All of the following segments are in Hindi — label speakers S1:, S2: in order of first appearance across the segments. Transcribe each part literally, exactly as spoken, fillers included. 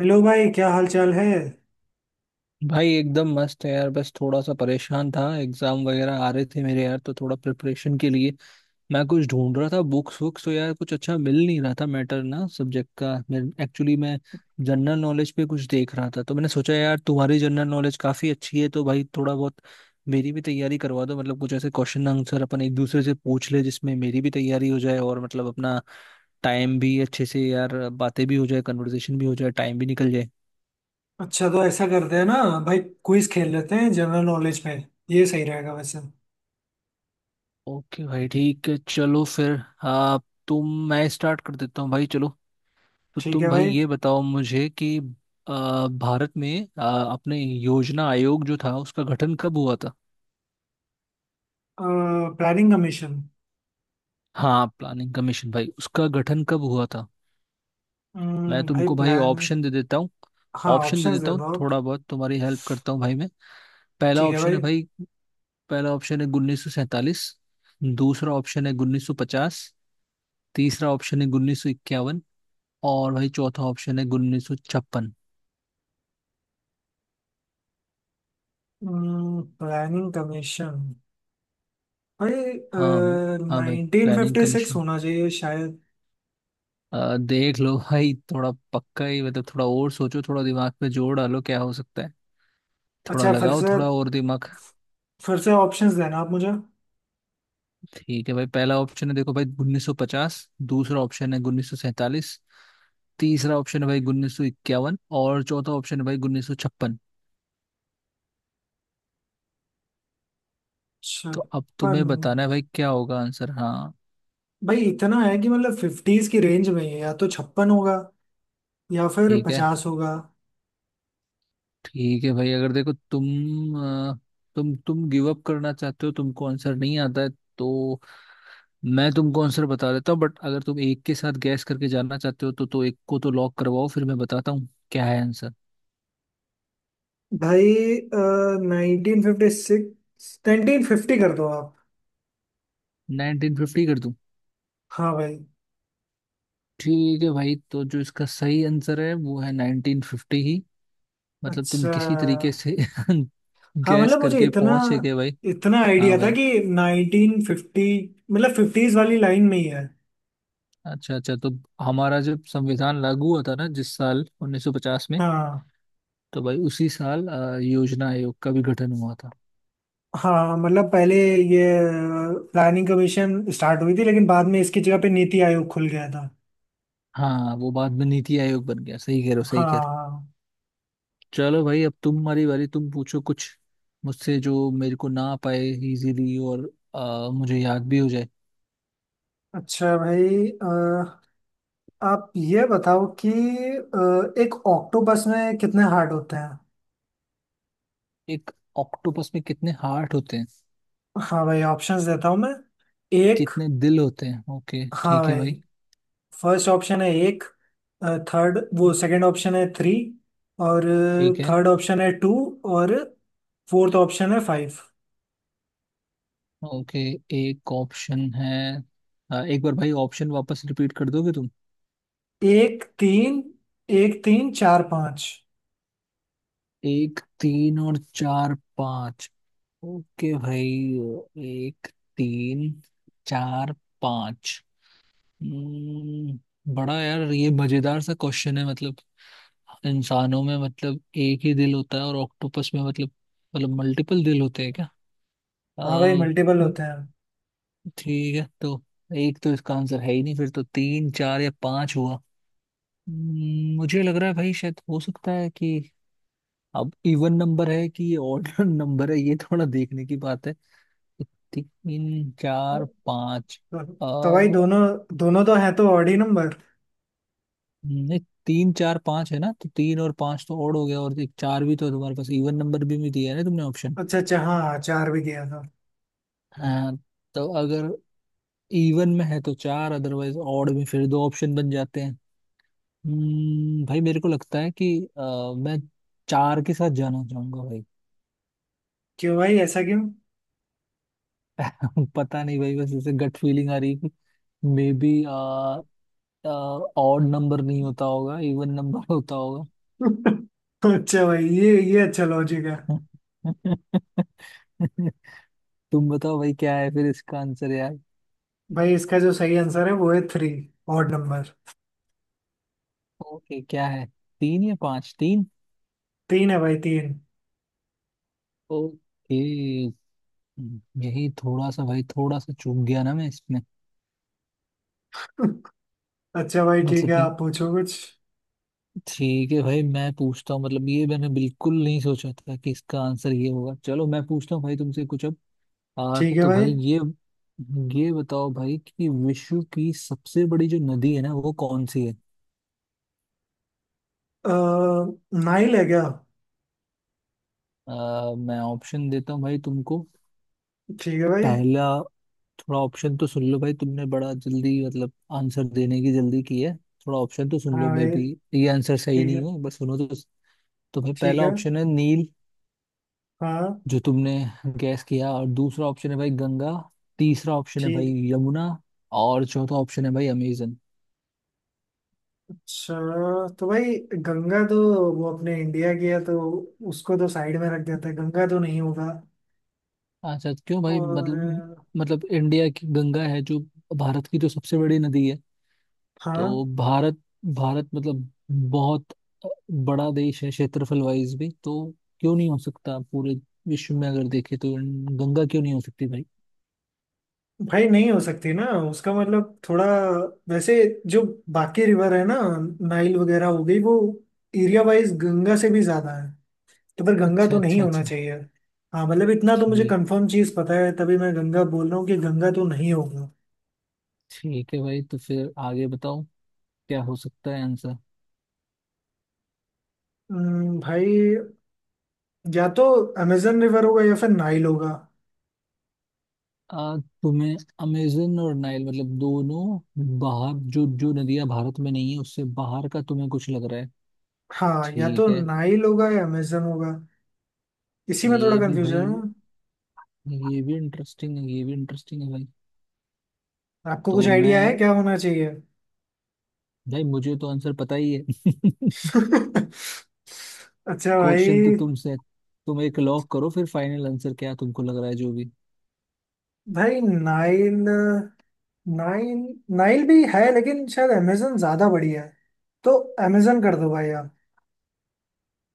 S1: हेलो भाई, क्या हाल चाल है।
S2: भाई एकदम मस्त है यार। बस थोड़ा सा परेशान था, एग्जाम वगैरह आ रहे थे मेरे यार, तो थोड़ा प्रिपरेशन के लिए मैं कुछ ढूंढ रहा था। बुक्स वुक्स तो यार कुछ अच्छा मिल नहीं रहा था, मैटर ना सब्जेक्ट का। मैं एक्चुअली मैं जनरल नॉलेज पे कुछ देख रहा था, तो मैंने सोचा यार तुम्हारी जनरल नॉलेज काफी अच्छी है, तो भाई थोड़ा बहुत मेरी भी तैयारी करवा दो। मतलब कुछ ऐसे क्वेश्चन आंसर अपन एक दूसरे से पूछ ले जिसमें मेरी भी तैयारी हो जाए, और मतलब अपना टाइम भी अच्छे से यार बातें भी हो जाए, कन्वर्सेशन भी हो जाए, टाइम भी निकल जाए।
S1: अच्छा, तो ऐसा करते हैं ना भाई, क्विज खेल लेते हैं जनरल नॉलेज पे। ये सही रहेगा वैसे।
S2: ओके भाई, ठीक है, चलो फिर। आप तुम मैं स्टार्ट कर देता हूँ भाई, चलो। तो
S1: ठीक है
S2: तुम भाई
S1: भाई।
S2: ये बताओ मुझे कि आ, भारत में आ, अपने योजना आयोग जो था उसका गठन कब हुआ था?
S1: Planning commission.
S2: हाँ, प्लानिंग कमीशन भाई, उसका गठन कब हुआ था? मैं
S1: भाई
S2: तुमको भाई
S1: प्लान
S2: ऑप्शन दे देता हूँ।
S1: हाँ,
S2: ऑप्शन दे
S1: ऑप्शंस
S2: देता
S1: दे
S2: हूँ,
S1: दो आप।
S2: थोड़ा बहुत तुम्हारी हेल्प करता हूँ भाई मैं। पहला
S1: ठीक है
S2: ऑप्शन
S1: भाई।
S2: है भाई। पहला ऑप्शन है उन्नीस सौ सैंतालीस। दूसरा ऑप्शन है उन्नीस सौ पचास। तीसरा ऑप्शन है उन्नीस सौ इक्यावन। और भाई चौथा ऑप्शन है उन्नीस सौ छप्पन।
S1: प्लानिंग कमीशन भाई।
S2: हाँ भाई। हाँ भाई,
S1: nineteen
S2: planning
S1: fifty six
S2: commission.
S1: होना चाहिए शायद।
S2: आ, देख लो भाई थोड़ा पक्का ही, मतलब थोड़ा और सोचो, थोड़ा दिमाग पे जोर डालो, क्या हो सकता है। थोड़ा
S1: अच्छा, फिर
S2: लगाओ
S1: से
S2: थोड़ा और दिमाग।
S1: फिर से ऑप्शंस देना आप मुझे।
S2: ठीक है भाई। पहला ऑप्शन है देखो भाई उन्नीस सौ पचास। दूसरा ऑप्शन है उन्नीस सौ सैंतालीस। तीसरा ऑप्शन है भाई उन्नीस सौ इक्यावन, और चौथा ऑप्शन है भाई उन्नीस सौ छप्पन। तो अब
S1: छप्पन।
S2: तुम्हें बताना है भाई क्या होगा आंसर। हाँ।
S1: भाई, इतना है कि मतलब फिफ्टीज की रेंज में ही है, या तो छप्पन होगा या फिर
S2: ठीक है।
S1: पचास होगा।
S2: ठीक है भाई, अगर देखो तुम अ, तुम तुम गिव अप करना चाहते हो, तुमको आंसर नहीं आता है, तो मैं तुमको आंसर बता देता हूँ। बट अगर तुम एक के साथ गैस करके जानना चाहते हो तो तो एक को तो लॉक करवाओ, फिर मैं बताता हूँ क्या है आंसर।
S1: भाई, nineteen fifty six, nineteen fifty कर दो आप।
S2: नाइनटीन फिफ्टी कर दूं?
S1: हाँ भाई।
S2: ठीक है भाई, तो जो इसका सही आंसर है वो है नाइनटीन फिफ्टी ही। मतलब तुम
S1: अच्छा।
S2: किसी तरीके से
S1: हाँ,
S2: गैस
S1: मतलब मुझे
S2: करके
S1: इतना
S2: पहुंचे गए भाई।
S1: इतना
S2: हाँ
S1: आइडिया था
S2: भाई।
S1: कि नाइनटीन फिफ्टी, मतलब फिफ्टीज वाली लाइन में ही है।
S2: अच्छा अच्छा, तो हमारा जब संविधान लागू हुआ था ना, जिस साल उन्नीस सौ पचास में,
S1: हाँ,
S2: तो भाई उसी साल अ, योजना आयोग का भी गठन हुआ था।
S1: हाँ, मतलब पहले ये प्लानिंग कमीशन स्टार्ट हुई थी, लेकिन बाद में इसकी जगह पे नीति आयोग खुल गया था।
S2: हाँ, वो बाद में नीति आयोग बन गया, सही कह रहे हो, सही कह रहे
S1: हाँ।
S2: हो। चलो भाई, अब तुम्हारी बारी, तुम पूछो कुछ मुझसे जो मेरे को ना पाए इजीली, और अ, मुझे याद भी हो जाए।
S1: अच्छा भाई। अ, आप ये बताओ कि अ, एक ऑक्टोपस में कितने हार्ट होते हैं।
S2: एक ऑक्टोपस में कितने हार्ट होते हैं?
S1: हाँ भाई, ऑप्शंस देता हूँ मैं। एक।
S2: कितने दिल होते हैं? ओके,
S1: हाँ
S2: ठीक है
S1: भाई,
S2: भाई।
S1: फर्स्ट ऑप्शन है एक। थर्ड वो सेकंड ऑप्शन है थ्री। और
S2: ठीक है।
S1: थर्ड ऑप्शन है टू। और फोर्थ ऑप्शन है फाइव।
S2: ओके। एक ऑप्शन है। अ, एक बार भाई ऑप्शन वापस रिपीट कर दोगे तुम?
S1: एक, तीन। एक, तीन, चार, पाँच।
S2: एक, तीन और चार, पाँच। ओके भाई। एक, तीन, चार, पाँच। हम्म, बड़ा यार ये मजेदार सा क्वेश्चन है, मतलब इंसानों में मतलब एक ही दिल होता है, और ऑक्टोपस में मतलब मतलब मल्टीपल दिल होते हैं क्या? अ,
S1: हाँ भाई, मल्टीपल
S2: हम्म।
S1: होते हैं।
S2: ठीक है। तो एक तो इसका आंसर है ही नहीं, फिर तो तीन, चार या पाँच हुआ। हम्म, मुझे लग रहा है भाई शायद हो सकता है कि अब इवन नंबर है कि ये ऑड नंबर है, ये थोड़ा देखने की बात है। तीन, चार, पाँच।
S1: तो,
S2: अ
S1: तो भाई, दोनों दोनों तो है तो ऑड ही नंबर।
S2: नहीं, तीन, चार, पाँच है ना, तो तीन और पाँच तो ओड हो गया, और एक चार भी तो है तुम्हारे पास, इवन नंबर भी, भी दिया है ना तुमने ऑप्शन।
S1: अच्छा अच्छा, हाँ हाँ, चार भी दिया था।
S2: हाँ। तो अगर इवन में है तो चार, अदरवाइज ऑड में फिर दो ऑप्शन बन जाते हैं। हम्म, भाई मेरे को लगता है कि अ, मैं चार के साथ जाना चाहूंगा भाई।
S1: क्यों भाई, ऐसा क्यों।
S2: पता नहीं भाई, बस ऐसे गट फीलिंग आ रही है कि मे बी ऑड नंबर नहीं होता होगा, इवन नंबर होता होगा।
S1: अच्छा भाई, ये ये अच्छा लॉजिक है।
S2: तुम बताओ भाई क्या है फिर इसका आंसर यार।
S1: भाई, इसका जो सही आंसर है वो है थ्री। Odd number.
S2: ओके, क्या है, तीन या पांच? तीन।
S1: तीन है भाई, तीन।
S2: ओके। यही थोड़ा सा भाई, थोड़ा सा चूक गया ना मैं इसमें।
S1: अच्छा भाई ठीक
S2: मतलब
S1: है,
S2: कि
S1: आप पूछो कुछ।
S2: ठीक है भाई मैं पूछता हूँ, मतलब ये मैंने बिल्कुल नहीं सोचा था कि इसका आंसर ये होगा। चलो मैं पूछता हूँ भाई तुमसे कुछ अब। आ,
S1: ठीक है
S2: तो
S1: भाई।
S2: भाई ये ये बताओ भाई कि विश्व की सबसे बड़ी जो नदी है ना, वो कौन सी है?
S1: अह नाइल है क्या।
S2: आ, मैं ऑप्शन देता हूँ भाई तुमको।
S1: ठीक है भाई।
S2: पहला, थोड़ा ऑप्शन तो सुन लो भाई, तुमने बड़ा जल्दी मतलब आंसर देने की जल्दी की है। थोड़ा ऑप्शन तो सुन लो,
S1: हाँ
S2: मे
S1: भाई।
S2: बी ये आंसर सही
S1: ठीक
S2: नहीं
S1: है।
S2: हो, बस सुनो तो। तुम्हें
S1: ठीक
S2: पहला
S1: है।
S2: ऑप्शन है नील,
S1: हाँ।
S2: जो तुमने गैस किया। और दूसरा ऑप्शन है भाई गंगा। तीसरा ऑप्शन है भाई
S1: ठीक।
S2: यमुना। और चौथा ऑप्शन है भाई अमेजन।
S1: अच्छा, तो भाई गंगा तो वो अपने इंडिया की है, तो उसको तो साइड में रख देते हैं, गंगा तो नहीं होगा।
S2: अच्छा, क्यों भाई, मतलब
S1: और
S2: मतलब इंडिया की गंगा है जो भारत की तो सबसे बड़ी नदी है।
S1: हाँ।
S2: तो भारत भारत मतलब बहुत बड़ा देश है क्षेत्रफल वाइज भी, तो क्यों नहीं हो सकता, पूरे विश्व में अगर देखे तो, गंगा क्यों नहीं हो सकती भाई?
S1: भाई, नहीं हो सकती ना उसका मतलब। थोड़ा वैसे, जो बाकी रिवर है ना, नाइल वगैरह हो गई, वो एरिया वाइज गंगा से भी ज्यादा है, तो फिर गंगा
S2: अच्छा
S1: तो नहीं
S2: अच्छा
S1: होना
S2: अच्छा।
S1: चाहिए। हाँ, मतलब इतना तो मुझे
S2: ठीक,
S1: कंफर्म चीज पता है तभी मैं गंगा बोल रहा हूँ कि गंगा तो नहीं होगा।
S2: ठीक है भाई, तो फिर आगे बताओ क्या हो सकता है आंसर।
S1: हम्म, भाई, या तो अमेजन रिवर होगा या फिर नाइल होगा।
S2: आ, तुम्हें अमेजन और नाइल मतलब दोनों, बाहर, जो जो नदियां भारत में नहीं है उससे बाहर का, तुम्हें कुछ लग रहा है?
S1: हाँ, या तो
S2: ठीक है।
S1: नाइल होगा या अमेजन होगा। इसी में थोड़ा
S2: ये भी भाई,
S1: कंफ्यूजन
S2: ये भी इंटरेस्टिंग है, ये भी इंटरेस्टिंग है भाई।
S1: है। आपको कुछ
S2: तो
S1: आइडिया है
S2: मैं
S1: क्या होना चाहिए।
S2: भाई, मुझे तो आंसर पता ही है
S1: अच्छा भाई।
S2: क्वेश्चन तो तुमसे, तुम एक लॉक करो फिर, फाइनल आंसर क्या तुमको लग रहा है जो भी।
S1: भाई, नाइल। नाइल। नाइल भी है, लेकिन शायद अमेजन ज्यादा बड़ी है, तो अमेजन कर दो भाई।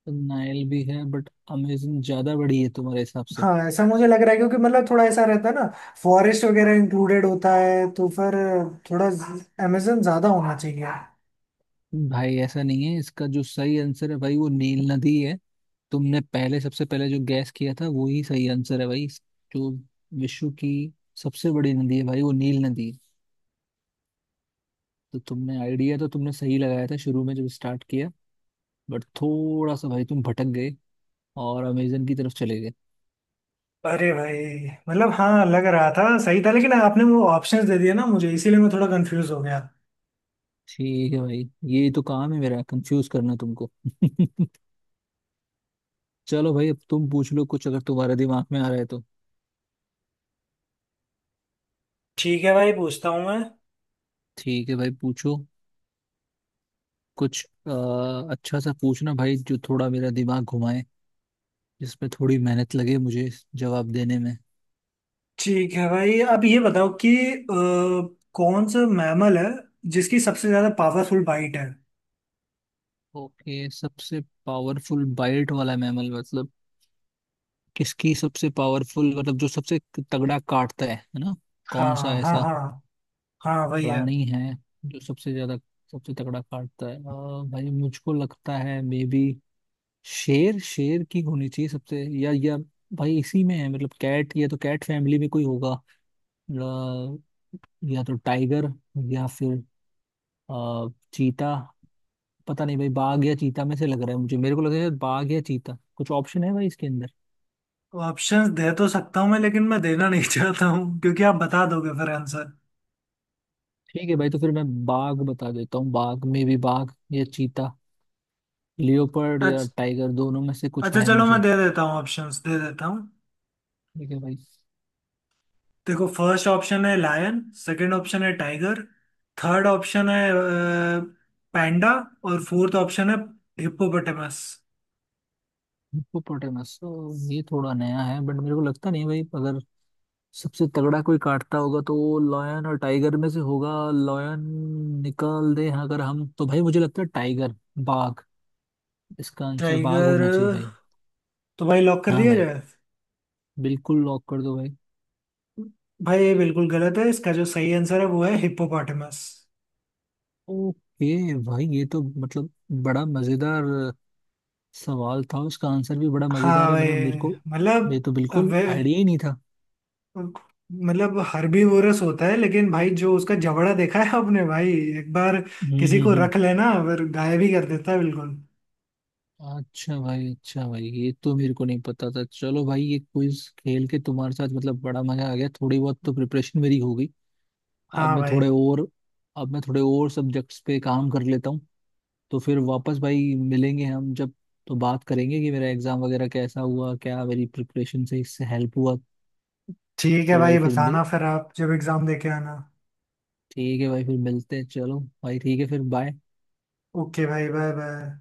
S2: नाइल भी है बट अमेजन ज्यादा बड़ी है तुम्हारे हिसाब से।
S1: हाँ, ऐसा मुझे लग रहा है क्योंकि मतलब थोड़ा ऐसा रहता है ना, फॉरेस्ट वगैरह इंक्लूडेड होता है तो फिर थोड़ा अमेजन ज्यादा होना चाहिए।
S2: भाई ऐसा नहीं है, इसका जो सही आंसर है भाई वो नील नदी है। तुमने पहले सबसे पहले जो गैस किया था वो ही सही आंसर है भाई। जो विश्व की सबसे बड़ी नदी है भाई, वो नील नदी है। तो तुमने आइडिया तो तुमने सही लगाया था शुरू में जब स्टार्ट किया, बट थोड़ा सा भाई तुम भटक गए और अमेजन की तरफ चले गए।
S1: अरे भाई, मतलब हाँ, लग रहा था सही था, लेकिन आपने वो ऑप्शंस दे दिए ना मुझे, इसीलिए मैं थोड़ा कंफ्यूज हो गया।
S2: ठीक है भाई, ये तो काम है मेरा, कंफ्यूज करना तुमको चलो भाई, अब तुम पूछ लो कुछ अगर तुम्हारे दिमाग में आ रहा है तो।
S1: ठीक है भाई, पूछता हूँ मैं।
S2: ठीक है भाई, पूछो कुछ। आ, अच्छा सा पूछना भाई जो थोड़ा मेरा दिमाग घुमाए, जिसमें थोड़ी मेहनत लगे मुझे जवाब देने में।
S1: ठीक है भाई, अब ये बताओ कि अ, कौन सा मैमल है जिसकी सबसे ज्यादा पावरफुल बाइट है।
S2: ओके, सबसे पावरफुल बाइट वाला मैमल, मतलब किसकी सबसे पावरफुल, मतलब जो सबसे तगड़ा काटता है है ना? कौन सा
S1: हाँ हाँ
S2: ऐसा
S1: हाँ। हाँ, वही है।
S2: प्राणी है जो सबसे ज्यादा, सबसे तगड़ा काटता है? अ, भाई मुझको लगता है मे बी शेर, शेर की होनी चाहिए सबसे, या या भाई इसी में है, मतलब कैट, या तो कैट फैमिली में कोई होगा। अ, या तो टाइगर, या फिर अ, चीता। पता नहीं भाई, बाघ या चीता में से लग रहा है मुझे, मेरे को लग रहा है बाघ या चीता, कुछ ऑप्शन है भाई इसके अंदर।
S1: ऑप्शंस दे तो सकता हूँ मैं, लेकिन मैं देना नहीं चाहता हूँ क्योंकि आप बता दोगे फिर आंसर।
S2: ठीक है भाई, तो फिर मैं बाघ बता देता हूँ। बाघ में भी, बाघ या चीता, लियोपर्ड या टाइगर, दोनों में से कुछ
S1: अच्छा
S2: है
S1: चलो, मैं
S2: मुझे।
S1: दे देता हूँ, ऑप्शंस दे देता हूँ।
S2: ठीक है भाई।
S1: देखो, फर्स्ट ऑप्शन है लायन। सेकंड ऑप्शन है टाइगर। थर्ड ऑप्शन है पैंडा। और फोर्थ ऑप्शन है हिप्पोपोटामस।
S2: हिप्पोपोटामस तो ये थोड़ा नया है, बट मेरे को लगता नहीं भाई, अगर सबसे तगड़ा कोई काटता होगा तो वो लॉयन और टाइगर में से होगा। लॉयन निकाल दे, हाँ, अगर हम, तो भाई मुझे लगता है टाइगर, बाघ, इसका आंसर बाघ
S1: टाइगर।
S2: होना चाहिए भाई।
S1: तो भाई, लॉक कर
S2: हाँ
S1: दिया
S2: भाई,
S1: जाए।
S2: बिल्कुल लॉक कर दो भाई।
S1: भाई, ये बिल्कुल गलत है, इसका जो सही आंसर है वो है हिप्पोपोटामस।
S2: ओके भाई, ये तो मतलब बड़ा मजेदार सवाल था, उसका आंसर भी बड़ा
S1: हाँ
S2: मजेदार है
S1: भाई।
S2: मेरे मेरे को। ये
S1: मतलब
S2: तो बिल्कुल आइडिया ही नहीं था।
S1: मतलब हर्बीवोरस होता है, लेकिन भाई जो उसका जबड़ा देखा है आपने भाई, एक बार
S2: हम्म
S1: किसी
S2: हम्म
S1: को
S2: हम्म।
S1: रख लेना फिर गायब ही कर देता है बिल्कुल।
S2: अच्छा भाई, अच्छा भाई, ये तो मेरे को नहीं पता था। चलो भाई, ये क्विज खेल के तुम्हारे साथ मतलब बड़ा मजा आ गया, थोड़ी बहुत तो प्रिपरेशन मेरी हो गई। अब
S1: हाँ
S2: मैं
S1: भाई।
S2: थोड़े और अब मैं थोड़े और सब्जेक्ट्स पे काम कर लेता हूँ। तो फिर वापस भाई मिलेंगे हम, जब तो बात करेंगे कि मेरा एग्जाम वगैरह कैसा हुआ, क्या मेरी प्रिपरेशन से इससे हेल्प हुआ।
S1: ठीक है
S2: तो
S1: भाई,
S2: भाई फिर मिल-
S1: बताना फिर आप जब एग्जाम देके आना।
S2: ठीक है भाई, फिर मिलते हैं, चलो। भाई ठीक है, फिर बाय।
S1: ओके भाई, बाय बाय।